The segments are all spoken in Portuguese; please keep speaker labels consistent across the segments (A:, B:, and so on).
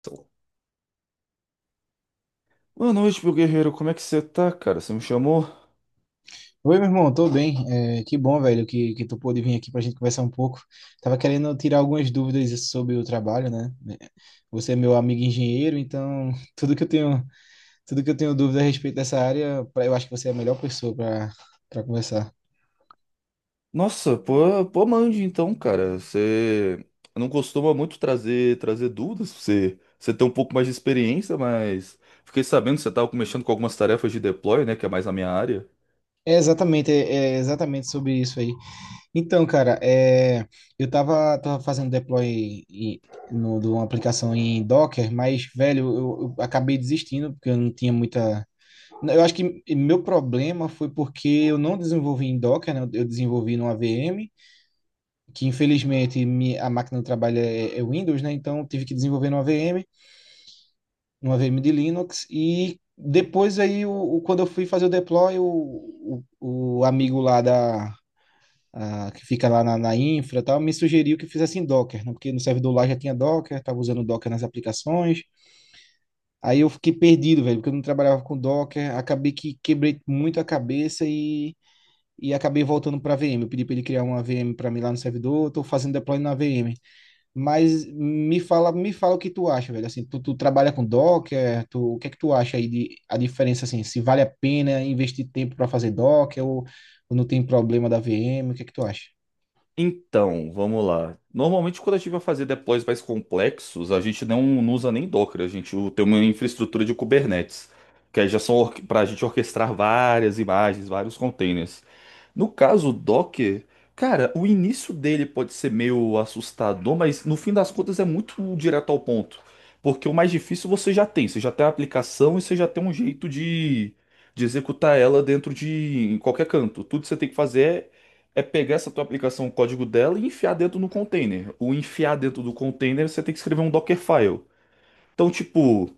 A: Então, boa noite, meu guerreiro. Como é que você tá, cara? Você me chamou?
B: Oi, meu irmão, tô bem. É, que bom, velho, que tu pôde vir aqui pra gente conversar um pouco. Tava querendo tirar algumas dúvidas sobre o trabalho, né? É, você é meu amigo engenheiro, então tudo que eu tenho, tudo que eu tenho dúvida a respeito dessa área, eu acho que você é a melhor pessoa para conversar.
A: Nossa, pô, mande então, cara. Você não costuma muito trazer dúvidas. Você tem um pouco mais de experiência, mas fiquei sabendo que você tava mexendo com algumas tarefas de deploy, né? Que é mais a minha área.
B: É exatamente sobre isso aí. Então, cara, eu tava fazendo deploy em- no, de uma aplicação em Docker, mas, velho, eu acabei desistindo porque eu não tinha muita. Eu acho que meu problema foi porque eu não desenvolvi em Docker, né? Eu desenvolvi numa VM, que infelizmente a máquina do trabalho é Windows, né? Então eu tive que desenvolver numa VM, numa VM de Linux. E depois aí, quando eu fui fazer o deploy, o amigo lá que fica lá na infra e tal, me sugeriu que fizesse em Docker, né? Porque no servidor lá já tinha Docker, estava usando Docker nas aplicações. Aí eu fiquei perdido, velho, porque eu não trabalhava com Docker, acabei que quebrei muito a cabeça e acabei voltando para a VM. Eu pedi para ele criar uma VM para mim lá no servidor, estou fazendo deploy na VM. Mas me fala o que tu acha, velho. Assim, tu trabalha com Docker, o que é que tu acha aí de a diferença assim, se vale a pena investir tempo para fazer Docker ou não tem problema da VM, o que é que tu acha?
A: Então, vamos lá. Normalmente, quando a gente vai fazer deploys mais complexos, a gente não usa nem Docker, tem uma infraestrutura de Kubernetes, que aí já são para a gente orquestrar várias imagens, vários containers. No caso, o Docker, cara, o início dele pode ser meio assustador, mas no fim das contas é muito direto ao ponto. Porque o mais difícil você já tem a aplicação e você já tem um jeito de executar ela dentro de em qualquer canto. Tudo que você tem que fazer é pegar essa tua aplicação, o código dela e enfiar dentro no container. O enfiar dentro do container, você tem que escrever um Dockerfile. Então, tipo,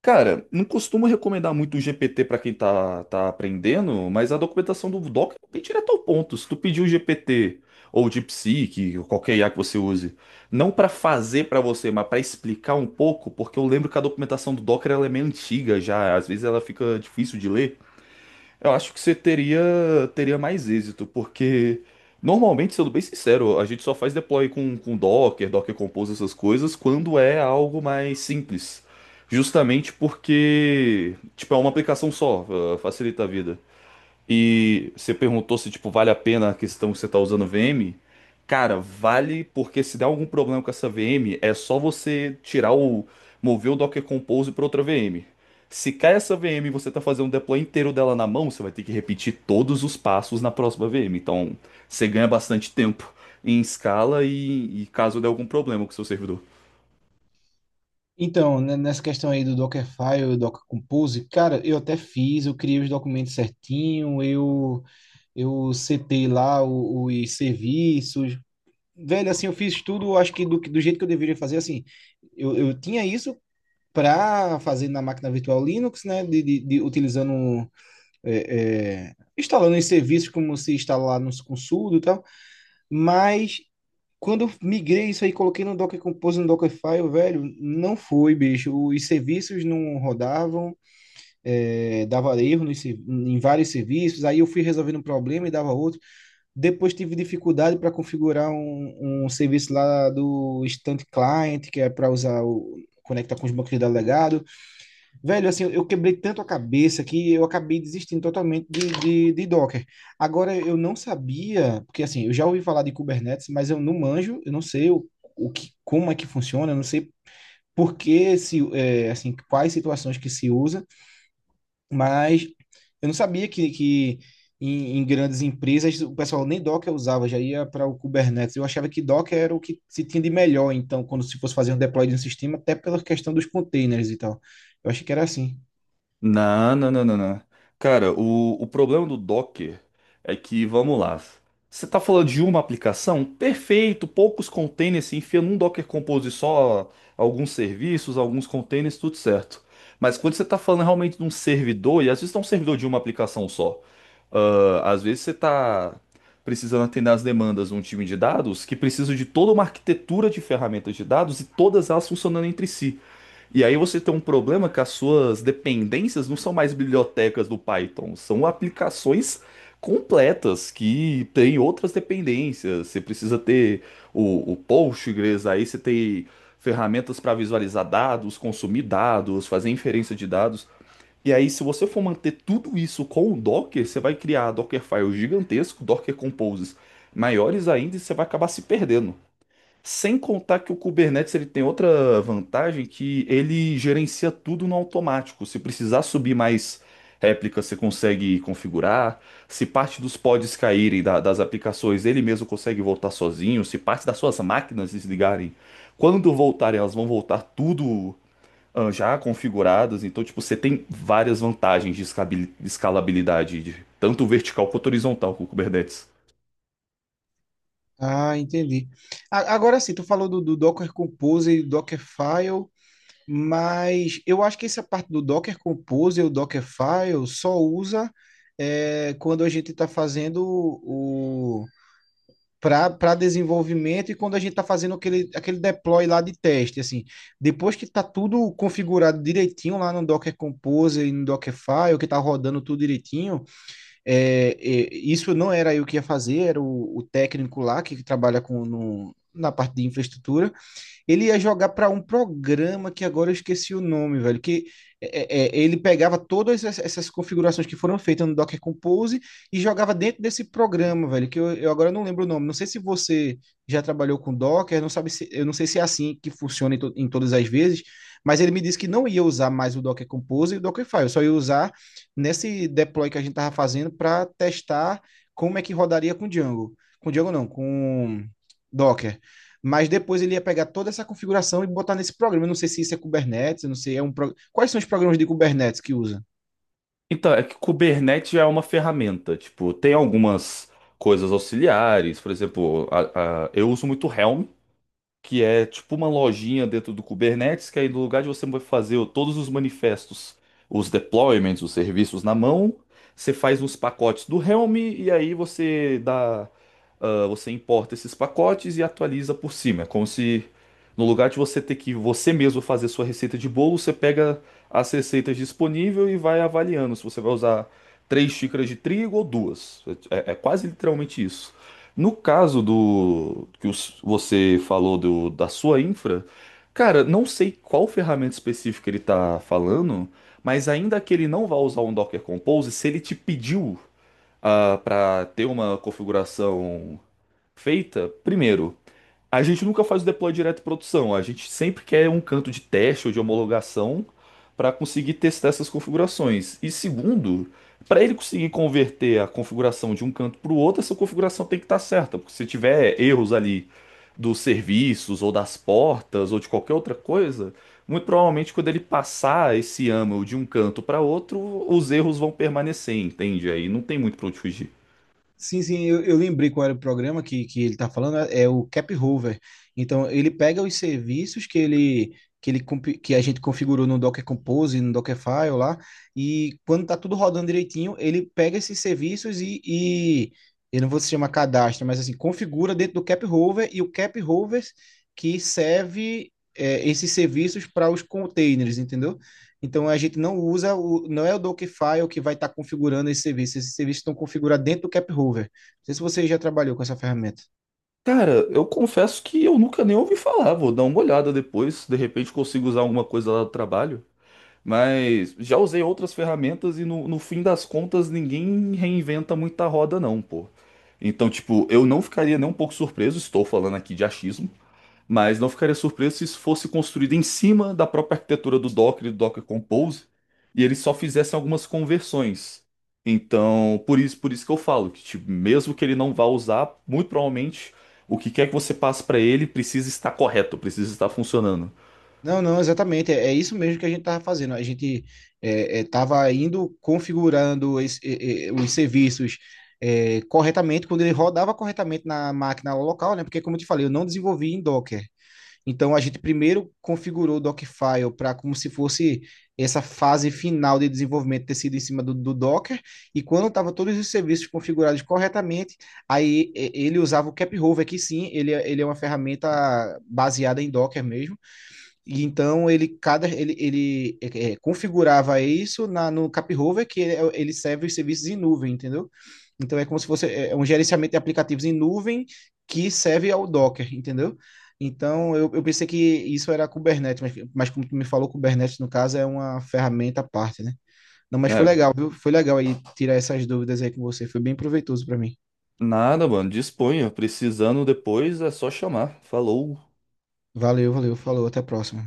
A: cara, não costumo recomendar muito o GPT para quem tá aprendendo, mas a documentação do Docker é bem direto ao ponto. Se tu pedir o GPT ou o DeepSeek, ou qualquer IA que você use, não para fazer para você, mas para explicar um pouco, porque eu lembro que a documentação do Docker ela é meio antiga já, às vezes ela fica difícil de ler. Eu acho que você teria, teria mais êxito, porque normalmente, sendo bem sincero, a gente só faz deploy com Docker, Docker Compose, essas coisas, quando é algo mais simples. Justamente porque, tipo, é uma aplicação só, facilita a vida. E você perguntou se, tipo, vale a pena a questão que você tá usando VM. Cara, vale porque se der algum problema com essa VM, é só você tirar o mover o Docker Compose para outra VM. Se cai essa VM e você tá fazendo um deploy inteiro dela na mão, você vai ter que repetir todos os passos na próxima VM. Então, você ganha bastante tempo em escala e caso der algum problema com o seu servidor.
B: Então, né, nessa questão aí do Dockerfile, Docker Compose, cara, eu até fiz, eu criei os documentos certinho, eu setei lá os serviços, velho, assim, eu fiz tudo, acho que do jeito que eu deveria fazer, assim, eu tinha isso para fazer na máquina virtual Linux, né, de utilizando, instalando em serviços como se instalar no com sudo e tal, mas quando eu migrei isso aí, coloquei no Docker Compose, no Dockerfile, velho, não foi, bicho, os serviços não rodavam, dava erro em vários serviços, aí eu fui resolvendo um problema e dava outro, depois tive dificuldade para configurar um serviço lá do Instant Client, que é para usar o conectar com os bancos de dados legado. Velho, assim, eu quebrei tanto a cabeça que eu acabei desistindo totalmente de Docker. Agora, eu não sabia, porque assim, eu já ouvi falar de Kubernetes, mas eu não manjo, eu não sei o que, como é que funciona, eu não sei por que, se, é, assim, quais situações que se usa. Mas eu não sabia que em grandes empresas o pessoal nem Docker usava, já ia para o Kubernetes. Eu achava que Docker era o que se tinha de melhor, então, quando se fosse fazer um deploy de um sistema, até pela questão dos containers e tal. Eu achei que era assim.
A: Não, não, não, não, não. Cara, o problema do Docker é que, vamos lá. Você tá falando de uma aplicação? Perfeito, poucos containers, se enfia num Docker Compose só alguns serviços, alguns containers, tudo certo. Mas quando você tá falando realmente de um servidor, e às vezes não é um servidor de uma aplicação só, ah, às vezes você tá precisando atender às demandas de um time de dados que precisa de toda uma arquitetura de ferramentas de dados e todas elas funcionando entre si. E aí você tem um problema que as suas dependências não são mais bibliotecas do Python, são aplicações completas que têm outras dependências. Você precisa ter o Postgres, aí você tem ferramentas para visualizar dados, consumir dados, fazer inferência de dados. E aí, se você for manter tudo isso com o Docker, você vai criar Dockerfiles gigantesco, Docker Composes maiores ainda, e você vai acabar se perdendo. Sem contar que o Kubernetes ele tem outra vantagem que ele gerencia tudo no automático. Se precisar subir mais réplicas, você consegue configurar. Se parte dos pods das aplicações, ele mesmo consegue voltar sozinho. Se parte das suas máquinas desligarem, quando voltarem, elas vão voltar tudo já configuradas. Então, tipo, você tem várias vantagens de escalabilidade, de tanto vertical quanto horizontal com o Kubernetes.
B: Ah, entendi. Agora sim, tu falou do Docker Compose e Dockerfile, mas eu acho que essa parte do Docker Compose e o Dockerfile só usa, quando a gente está fazendo o para desenvolvimento e quando a gente está fazendo aquele deploy lá de teste, assim, depois que está tudo configurado direitinho lá no Docker Compose e no Dockerfile, que está rodando tudo direitinho, isso não era eu que ia fazer, era o técnico lá que trabalha com, no, na parte de infraestrutura, ele ia jogar para um programa que agora eu esqueci o nome, velho. Que ele pegava todas essas configurações que foram feitas no Docker Compose e jogava dentro desse programa, velho. Que eu agora não lembro o nome. Não sei se você já trabalhou com Docker, não sabe se, eu não sei se é assim que funciona em todas as vezes. Mas ele me disse que não ia usar mais o Docker Compose e o Dockerfile, só ia usar nesse deploy que a gente estava fazendo para testar como é que rodaria com Django. Com Django não, com Docker, mas depois ele ia pegar toda essa configuração e botar nesse programa. Eu não sei se isso é Kubernetes, eu não sei, é um pro... Quais são os programas de Kubernetes que usa?
A: Então, é que Kubernetes é uma ferramenta. Tipo, tem algumas coisas auxiliares. Por exemplo, eu uso muito Helm, que é tipo uma lojinha dentro do Kubernetes, que aí no lugar de você fazer todos os manifestos, os deployments, os serviços na mão, você faz uns pacotes do Helm e aí você dá, ah, você importa esses pacotes e atualiza por cima. É como se no lugar de você ter que você mesmo fazer sua receita de bolo, você pega as receitas disponíveis e vai avaliando se você vai usar três xícaras de trigo ou duas. É, é quase literalmente isso. No caso do você falou do, da sua infra, cara, não sei qual ferramenta específica ele tá falando, mas ainda que ele não vá usar um Docker Compose, se ele te pediu ah, para ter uma configuração feita, primeiro, a gente nunca faz o deploy direto em produção, a gente sempre quer um canto de teste ou de homologação para conseguir testar essas configurações. E segundo, para ele conseguir converter a configuração de um canto para o outro, essa configuração tem que estar certa, porque se tiver erros ali dos serviços ou das portas ou de qualquer outra coisa, muito provavelmente quando ele passar esse YAML de um canto para outro, os erros vão permanecer, entende? Aí não tem muito para onde fugir.
B: Sim, sim, eu lembrei qual era o programa que ele está falando, é o Cap Hover. Então, ele pega os serviços que a gente configurou no Docker Compose, no Dockerfile lá, e quando tá tudo rodando direitinho, ele pega esses serviços e eu não vou se chamar cadastro, mas assim, configura dentro do Cap Hover e o Cap Hover que serve esses serviços para os containers, entendeu? Então a gente não usa, não é o Dockerfile que vai estar configurando esse serviço. Esses serviços estão configurados dentro do CapHover. Não sei se você já trabalhou com essa ferramenta.
A: Cara, eu confesso que eu nunca nem ouvi falar. Vou dar uma olhada depois. De repente consigo usar alguma coisa lá do trabalho. Mas já usei outras ferramentas e no fim das contas ninguém reinventa muita roda, não, pô. Então, tipo, eu não ficaria nem um pouco surpreso. Estou falando aqui de achismo. Mas não ficaria surpreso se isso fosse construído em cima da própria arquitetura do Docker e do Docker Compose, e eles só fizessem algumas conversões. Então, por isso que eu falo que, tipo, mesmo que ele não vá usar, muito provavelmente o que quer que você passe para ele precisa estar correto, precisa estar funcionando,
B: Não, não, exatamente. É isso mesmo que a gente estava fazendo. A gente estava indo configurando os serviços corretamente, quando ele rodava corretamente na máquina local, né? Porque, como eu te falei, eu não desenvolvi em Docker. Então a gente primeiro configurou o Dockfile para como se fosse essa fase final de desenvolvimento ter sido em cima do Docker, e quando estava todos os serviços configurados corretamente, aí ele usava o CapRover, que sim, ele é uma ferramenta baseada em Docker mesmo, e então ele configurava isso no CapRover, que ele, ele serve os serviços em nuvem, entendeu? Então é como se fosse é um gerenciamento de aplicativos em nuvem que serve ao Docker, entendeu? Então eu pensei que isso era Kubernetes, mas como tu me falou, Kubernetes no caso é uma ferramenta à parte, né? Não, mas foi
A: né?
B: legal, viu? Foi legal aí tirar essas dúvidas aí com você, foi bem proveitoso para mim.
A: Nada, mano, disponha. Precisando depois é só chamar. Falou.
B: Valeu, valeu, falou, até a próxima.